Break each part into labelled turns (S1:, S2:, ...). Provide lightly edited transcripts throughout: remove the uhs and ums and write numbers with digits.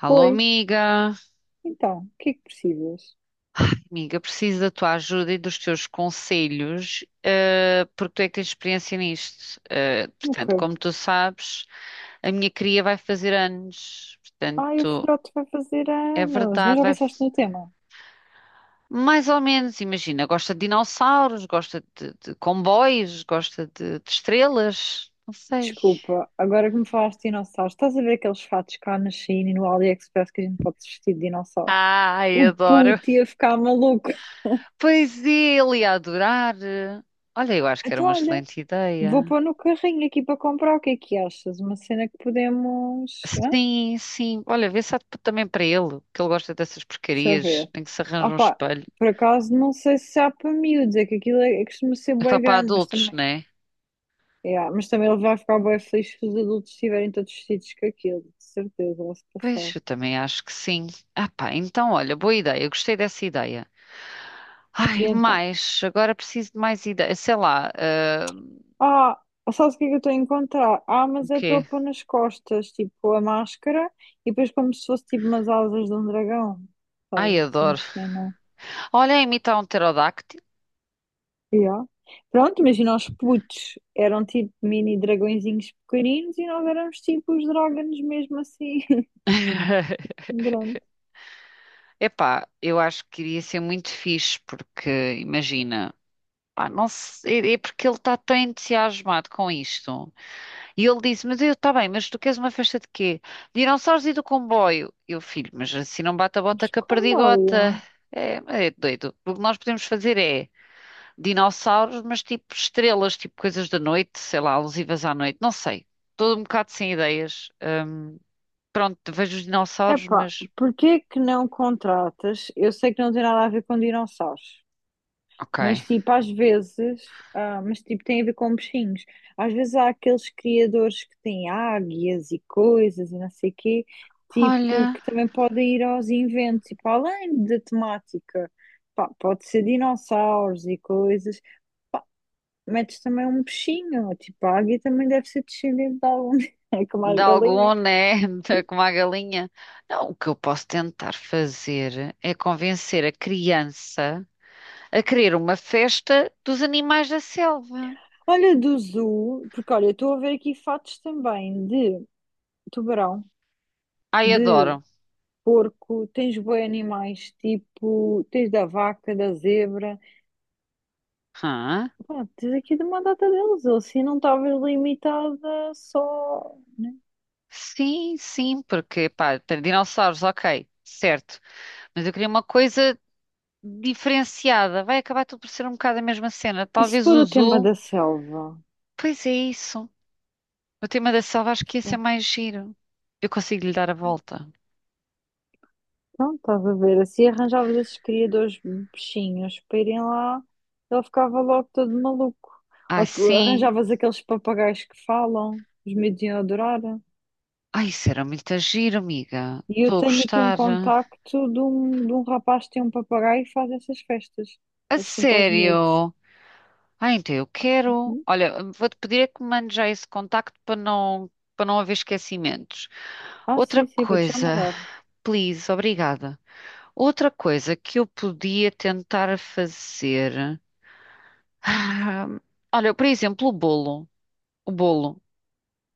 S1: Alô,
S2: Foi.
S1: amiga.
S2: Então, o que é que precisas?
S1: Amiga, preciso da tua ajuda e dos teus conselhos, porque tu é que tens experiência nisto. Portanto,
S2: Nunca.
S1: como tu sabes, a minha cria vai fazer anos.
S2: Ai, o
S1: Portanto,
S2: filhote vai fazer
S1: é
S2: anos. Mas
S1: verdade,
S2: já
S1: vai.
S2: pensaste no tema?
S1: Mais ou menos, imagina, gosta de dinossauros, gosta de comboios, gosta de estrelas, não sei.
S2: Desculpa, agora que me falaste de dinossauros, estás a ver aqueles fatos cá na China e no AliExpress que a gente pode vestir de dinossauros?
S1: Ai,
S2: O
S1: adoro.
S2: puto ia ficar maluco.
S1: Pois é, ele ia adorar. Olha, eu acho que era
S2: Então,
S1: uma
S2: olha,
S1: excelente
S2: vou
S1: ideia.
S2: pôr no carrinho aqui para comprar. O que é que achas? Uma cena que podemos. Hã?
S1: Sim, sim. Olha, vê se há também para ele, que ele gosta dessas
S2: Deixa eu
S1: porcarias,
S2: ver.
S1: tem que se arranja um
S2: Opa,
S1: espelho.
S2: por acaso não sei se há para miúdos, é que aquilo é, costuma ser
S1: É só
S2: bem
S1: para
S2: grande, mas
S1: adultos,
S2: também.
S1: não é?
S2: Yeah, mas também ele vai ficar bem feliz se os adultos estiverem todos vestidos com aquilo, de certeza, vai se
S1: Pois,
S2: passar.
S1: eu também acho que sim. Ah pá, então olha, boa ideia, eu gostei dessa ideia.
S2: E
S1: Ai,
S2: então?
S1: mais, agora preciso de mais ideias. Sei lá,
S2: Ah, Sabes o que é que eu estou a encontrar? Ah,
S1: o
S2: mas é pelo
S1: quê?
S2: pôr nas costas, tipo a máscara, e depois como se fosse tipo umas asas de um dragão.
S1: Ai,
S2: Sei, se
S1: adoro.
S2: uma cena.
S1: Olha, imitar um pterodáctilo.
S2: Yeah. Pronto, imagina os putos eram tipo mini dragõezinhos pequeninos e nós éramos tipo os dragões mesmo assim, grandes.
S1: Epá, eu acho que iria ser muito fixe, porque imagina, pá, não sei, é porque ele está tão entusiasmado com isto. E ele disse: Mas eu, está bem, mas tu queres uma festa de quê? De dinossauros e do comboio. Eu, filho, mas assim não bate a bota
S2: Mas
S1: com a perdigota.
S2: como
S1: É, mas é doido. O que nós podemos fazer é dinossauros, mas tipo estrelas, tipo coisas da noite, sei lá, alusivas à noite, não sei. Estou um bocado sem ideias. Pronto, vejo os dinossauros,
S2: Epá,
S1: mas.
S2: porquê que não contratas? Eu sei que não tem nada a ver com dinossauros,
S1: Ok.
S2: mas tipo, às vezes, mas tipo, tem a ver com bichinhos. Às vezes há aqueles criadores que têm águias e coisas e não sei quê, tipo,
S1: Olha,
S2: que também podem ir aos inventos, tipo, além da temática, pá, pode ser dinossauros e coisas, pá, metes também um bichinho, tipo, a águia também deve ser descendente de algum, é como
S1: de
S2: as galinhas.
S1: algum, né? Como a galinha. Não, o que eu posso tentar fazer é convencer a criança a querer uma festa dos animais da selva.
S2: Olha, do zoo, porque olha, estou a ver aqui fatos também de tubarão,
S1: Ai,
S2: de
S1: adoro.
S2: porco, tens bué animais, tipo, tens da vaca, da zebra,
S1: Hã?
S2: pá, tens aqui de uma data deles, ou assim não estavas limitada só, né?
S1: Sim, sim, porque, pá, tem dinossauros, ok, certo. Mas eu queria uma coisa diferenciada. Vai acabar tudo por ser um bocado a mesma cena.
S2: E se
S1: Talvez
S2: for
S1: o
S2: o tema
S1: zoo.
S2: da selva?
S1: Pois é isso. O tema da selva acho que ia ser mais giro. Eu consigo lhe dar a volta.
S2: Então estás a ver, assim arranjavas esses criadores bichinhos para irem lá, ele ficava logo todo maluco.
S1: Ai,
S2: Ou que
S1: sim.
S2: arranjavas aqueles papagaios que falam, os miúdos iam adorar.
S1: Ai, isso era muito giro, amiga.
S2: E eu
S1: Estou a
S2: tenho aqui um
S1: gostar.
S2: contacto de um rapaz que tem um papagaio e faz essas festas,
S1: A
S2: assim para os miúdos.
S1: sério? Ah, então eu quero.
S2: Hum?
S1: Olha, vou-te pedir é que me mandes já esse contacto para não haver esquecimentos.
S2: Ah,
S1: Outra
S2: sim, sim, vou-te já
S1: coisa,
S2: mandar.
S1: please, obrigada. Outra coisa que eu podia tentar fazer. Ah, Olha, por exemplo, o bolo. O bolo.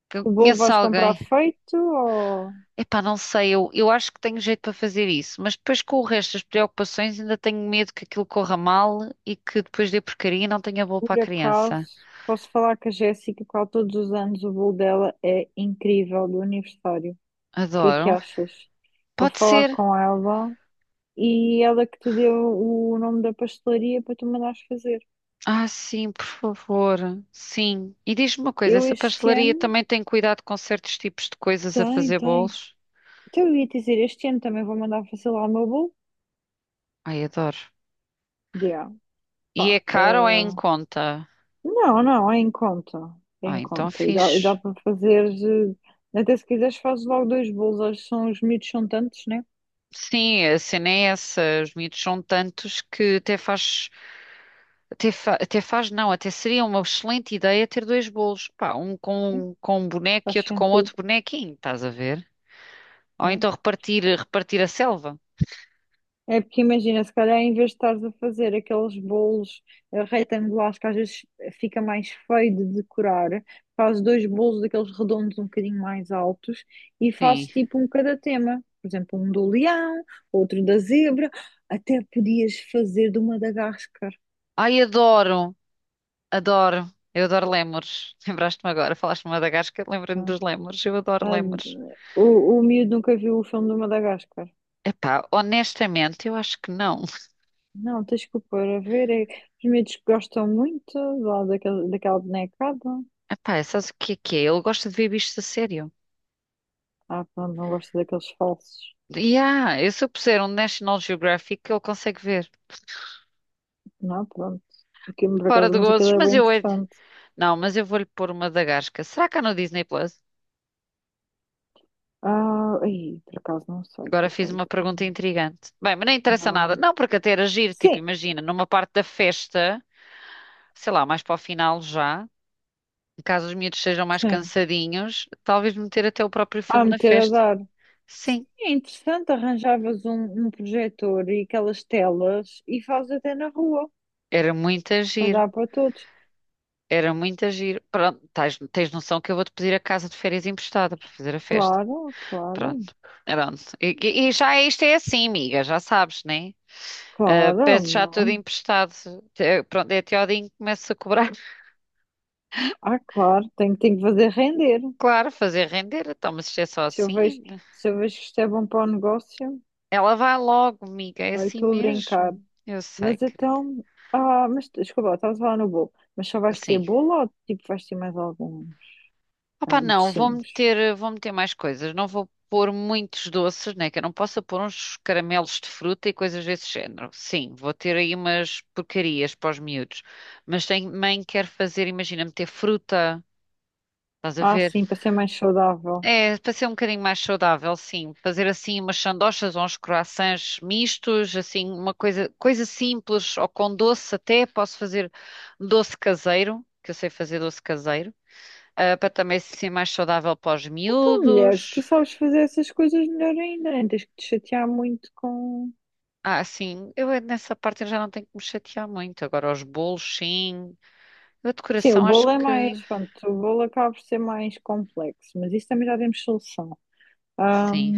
S1: Que eu
S2: O bolo
S1: conheço
S2: vais comprar
S1: alguém.
S2: feito ou
S1: Epá, não sei, eu acho que tenho jeito para fazer isso, mas depois com o resto das preocupações ainda tenho medo que aquilo corra mal e que depois dê porcaria e não tenha bolo para a
S2: por
S1: criança.
S2: acaso? Posso falar que a Jéssica, qual todos os anos o bolo dela é incrível do aniversário. O que é que
S1: Adoro.
S2: achas? Vou
S1: Pode
S2: falar
S1: ser.
S2: com ela e ela que te deu o nome da pastelaria para tu mandares fazer.
S1: Ah, sim, por favor. Sim. E diz-me uma coisa,
S2: Eu
S1: essa
S2: este
S1: pastelaria
S2: ano.
S1: também tem cuidado com certos tipos de coisas a
S2: Tem,
S1: fazer
S2: tem.
S1: bolos?
S2: Então eu ia dizer, este ano também vou mandar fazer lá o meu bolo.
S1: Ai, adoro.
S2: Yeah,
S1: E é
S2: pá,
S1: caro ou é em conta?
S2: não, não, é
S1: Ah,
S2: em
S1: então
S2: conta, e dá
S1: fixe.
S2: para fazer, até se quiseres fazes logo dois bolos, acho que são, os miúdos são tantos, né?
S1: Sim, a cena é essa. Os miúdos são tantos que até faz, até fa- até faz, não, até seria uma excelente ideia ter dois bolos. Pá, um
S2: Sim,
S1: com um boneco
S2: faz
S1: e outro com
S2: sentido,
S1: outro bonequinho, estás a ver? Ou
S2: yeah.
S1: então repartir a selva.
S2: É porque imagina, se calhar em vez de estares a fazer aqueles bolos retangulares que às vezes fica mais feio de decorar, fazes dois bolos daqueles redondos um bocadinho mais altos e
S1: Sim.
S2: fazes tipo um cada tema, por exemplo, um do leão, outro da zebra, até podias fazer de uma Madagascar.
S1: Ai, adoro. Adoro, eu adoro lémures. Lembraste-me agora, falaste de Madagascar, lembrei-me dos lémures, eu adoro
S2: Ah,
S1: lémures.
S2: d- o, o miúdo nunca viu o filme do Madagascar.
S1: Epá, honestamente, eu acho que não.
S2: Não, tens que o pôr a ver. É, os miúdos que gostam muito lá daquele, daquela bonecada.
S1: Epá, sabes o que é que é? Ele gosta de ver bichos a sério.
S2: Ah, pronto, não gosto daqueles falsos.
S1: E ah, eu se eu puser um National Geographic, ele consegue ver.
S2: Não, pronto. Aquilo, por
S1: Fora
S2: acaso,
S1: de
S2: mas aquilo
S1: gozos,
S2: é
S1: mas
S2: bem
S1: eu... é-
S2: interessante.
S1: Não, mas eu vou-lhe pôr uma Madagascar. Será que há no Disney Plus?
S2: Ah, ai, por acaso não sei, por
S1: Agora fiz
S2: acaso
S1: uma pergunta
S2: não.
S1: intrigante. Bem, mas não interessa nada.
S2: Não.
S1: Não, porque até era giro, tipo,
S2: Sim,
S1: imagina, numa parte da festa, sei lá, mais para o final já. Caso os miúdos sejam mais
S2: sim.
S1: cansadinhos, talvez meter até o próprio
S2: Ah,
S1: filme na
S2: meter a
S1: festa.
S2: dar.
S1: Sim,
S2: É interessante, arranjavas um projetor e aquelas telas e fazes até na rua,
S1: era muito
S2: para
S1: agir.
S2: dar para todos.
S1: Era muito agir. Pronto, tens noção que eu vou-te pedir a casa de férias emprestada para fazer a festa.
S2: Claro, claro.
S1: Pronto, pronto. Isto é assim, amiga, já sabes, né? É?
S2: Claro,
S1: Peço já tudo
S2: não.
S1: emprestado. Pronto, é até ao dia em que começo a cobrar.
S2: Ah, claro, tenho, tenho que fazer render.
S1: Claro, fazer render. Então, mas isto é só
S2: Se eu vejo,
S1: assim.
S2: se eu vejo que isto é bom para o negócio,
S1: Ela vai logo, amiga, é
S2: eu
S1: assim
S2: estou a brincar.
S1: mesmo. Eu sei,
S2: Mas
S1: querida.
S2: então, mas desculpa, lá, estavas a falar no bolo. Mas só vais ter
S1: Sim.
S2: bolo ou tipo vais ter mais alguns
S1: Opa, não,
S2: docinhos?
S1: vou meter mais coisas. Não vou pôr muitos doces, né? Que eu não possa pôr uns caramelos de fruta e coisas desse género. Sim, vou ter aí umas porcarias para os miúdos. Mas também quero fazer, imagina, meter fruta, estás a
S2: Ah,
S1: ver?
S2: sim, para ser mais saudável.
S1: É, para ser um bocadinho mais saudável, sim. Fazer assim umas sandochas ou uns croissants mistos, assim, uma coisa simples ou com doce até. Posso fazer doce caseiro, que eu sei fazer doce caseiro para também ser mais saudável para os
S2: Então, mulher, se tu
S1: miúdos.
S2: sabes fazer essas coisas melhor ainda, nem tens que te chatear muito com.
S1: Ah, sim, eu nessa parte eu já não tenho que me chatear muito. Agora, os bolos, sim. A
S2: Sim, o
S1: decoração, acho
S2: bolo é
S1: que
S2: mais, pronto, o bolo acaba por ser mais complexo, mas isso também já temos solução.
S1: sim,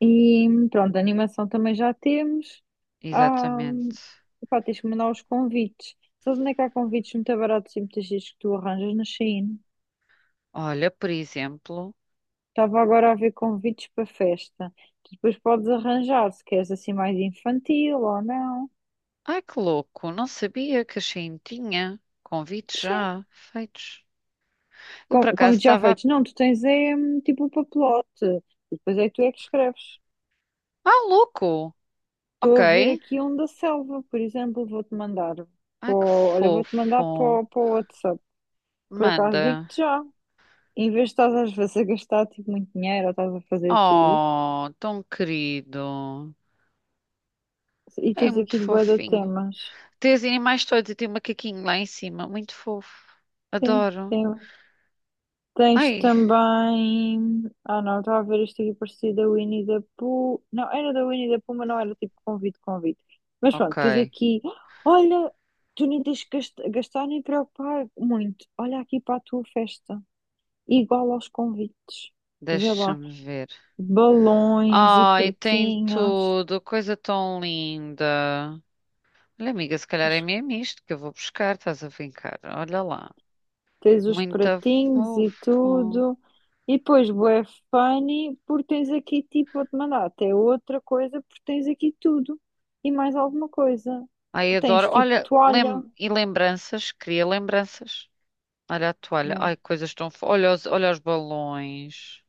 S2: E pronto, a animação também já temos. Ah,
S1: exatamente.
S2: Pá, tens que mandar os convites. Sabes onde é que há convites muito baratos e muitas vezes que tu arranjas na Shein?
S1: Olha, por exemplo,
S2: Estava agora a ver convites para festa. Tu depois podes arranjar se queres assim mais infantil ou não.
S1: ai que louco, não sabia que a Shein tinha convites
S2: Sim,
S1: já feitos. Eu por acaso
S2: Convites já
S1: estava.
S2: feitos. Não, tu tens é tipo o papelote. E depois é que tu é que escreves.
S1: Ah, louco! Ok.
S2: Estou a ver aqui um da Selva, por exemplo, vou-te mandar. Para
S1: Ai que
S2: olha, vou-te mandar para
S1: fofo.
S2: o WhatsApp. Por acaso
S1: Manda.
S2: digo-te já. Em vez de estás às vezes a gastar tipo, muito dinheiro ou estás a fazer tu,
S1: Oh, tão querido.
S2: e
S1: É
S2: tens
S1: muito
S2: aqui de bué de
S1: fofinho.
S2: temas.
S1: Tem os animais todos e tem um macaquinho lá em cima. Muito fofo.
S2: Sim,
S1: Adoro.
S2: tem. Tens
S1: Ai,
S2: também. Ah, não, estava a ver isto aqui parecido da Winnie the Pooh. Não, era da Winnie the Pooh, mas não era tipo convite, convite. Mas pronto, tens
S1: ok.
S2: aqui. Olha, tu nem tens que gastar nem preocupar muito. Olha aqui para a tua festa. Igual aos convites. Vê lá.
S1: Deixa-me ver.
S2: Balões e
S1: Ai, tem
S2: pratinhas.
S1: tudo. Coisa tão linda. Olha, amiga, se calhar é mesmo isto que eu vou buscar. Estás a brincar. Olha lá.
S2: Tens os
S1: Muito
S2: pratinhos e
S1: fofo.
S2: tudo. E depois, bué funny, porque tens aqui, tipo, vou-te mandar até outra coisa, porque tens aqui tudo e mais alguma coisa.
S1: Ai, adoro.
S2: Tens, tipo,
S1: Olha,
S2: toalha,
S1: lembranças. Cria lembranças. Olha a toalha.
S2: yeah,
S1: Ai, coisas tão fofas. Olha os balões.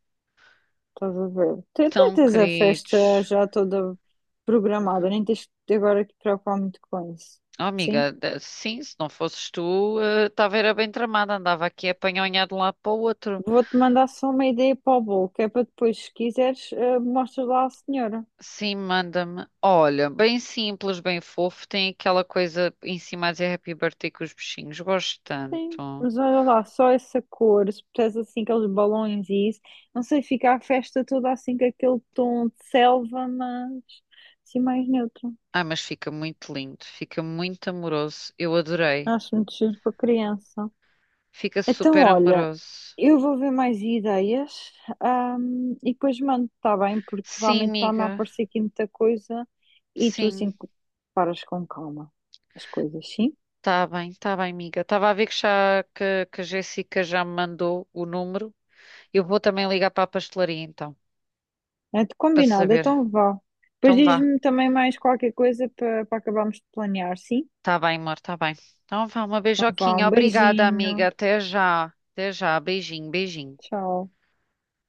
S2: estás a ver. Até
S1: Tão
S2: tens a festa
S1: queridos.
S2: já toda programada, nem tens de agora que te preocupar muito com isso.
S1: Oh,
S2: Sim?
S1: amiga, sim, se não fosses tu, estava era bem tramada, andava aqui a apanhonhar de um lado para o outro.
S2: Vou-te mandar só uma ideia para o bolo, que é para depois, se quiseres, mostras lá à senhora.
S1: Sim, manda-me. Olha, bem simples, bem fofo, tem aquela coisa em cima a dizer Happy Birthday com os bichinhos, gosto
S2: Sim,
S1: tanto.
S2: mas olha lá, só essa cor, se puseres assim aqueles balões e isso, não sei, fica a festa toda assim com aquele tom de selva, mas assim mais neutro.
S1: Ah, mas fica muito lindo, fica muito amoroso, eu adorei.
S2: Acho muito giro para criança.
S1: Fica
S2: Então,
S1: super
S2: olha,
S1: amoroso.
S2: eu vou ver mais ideias, e depois mando, está bem? Porque
S1: Sim,
S2: realmente está-me a
S1: amiga,
S2: aparecer aqui muita coisa e tu
S1: sim,
S2: assim paras com calma as coisas, sim?
S1: tá bem, amiga. Estava a ver que a Jéssica já me mandou o número. Eu vou também ligar para a pastelaria então,
S2: É de
S1: para
S2: combinado,
S1: saber.
S2: então vá. Depois
S1: Então vá.
S2: diz-me também mais qualquer coisa para acabarmos de planear, sim?
S1: Tá bem, amor, tá bem. Então vá, uma
S2: Então, vá,
S1: beijoquinha.
S2: um
S1: Obrigada, amiga.
S2: beijinho.
S1: Até já. Até já. Beijinho, beijinho.
S2: Tchau.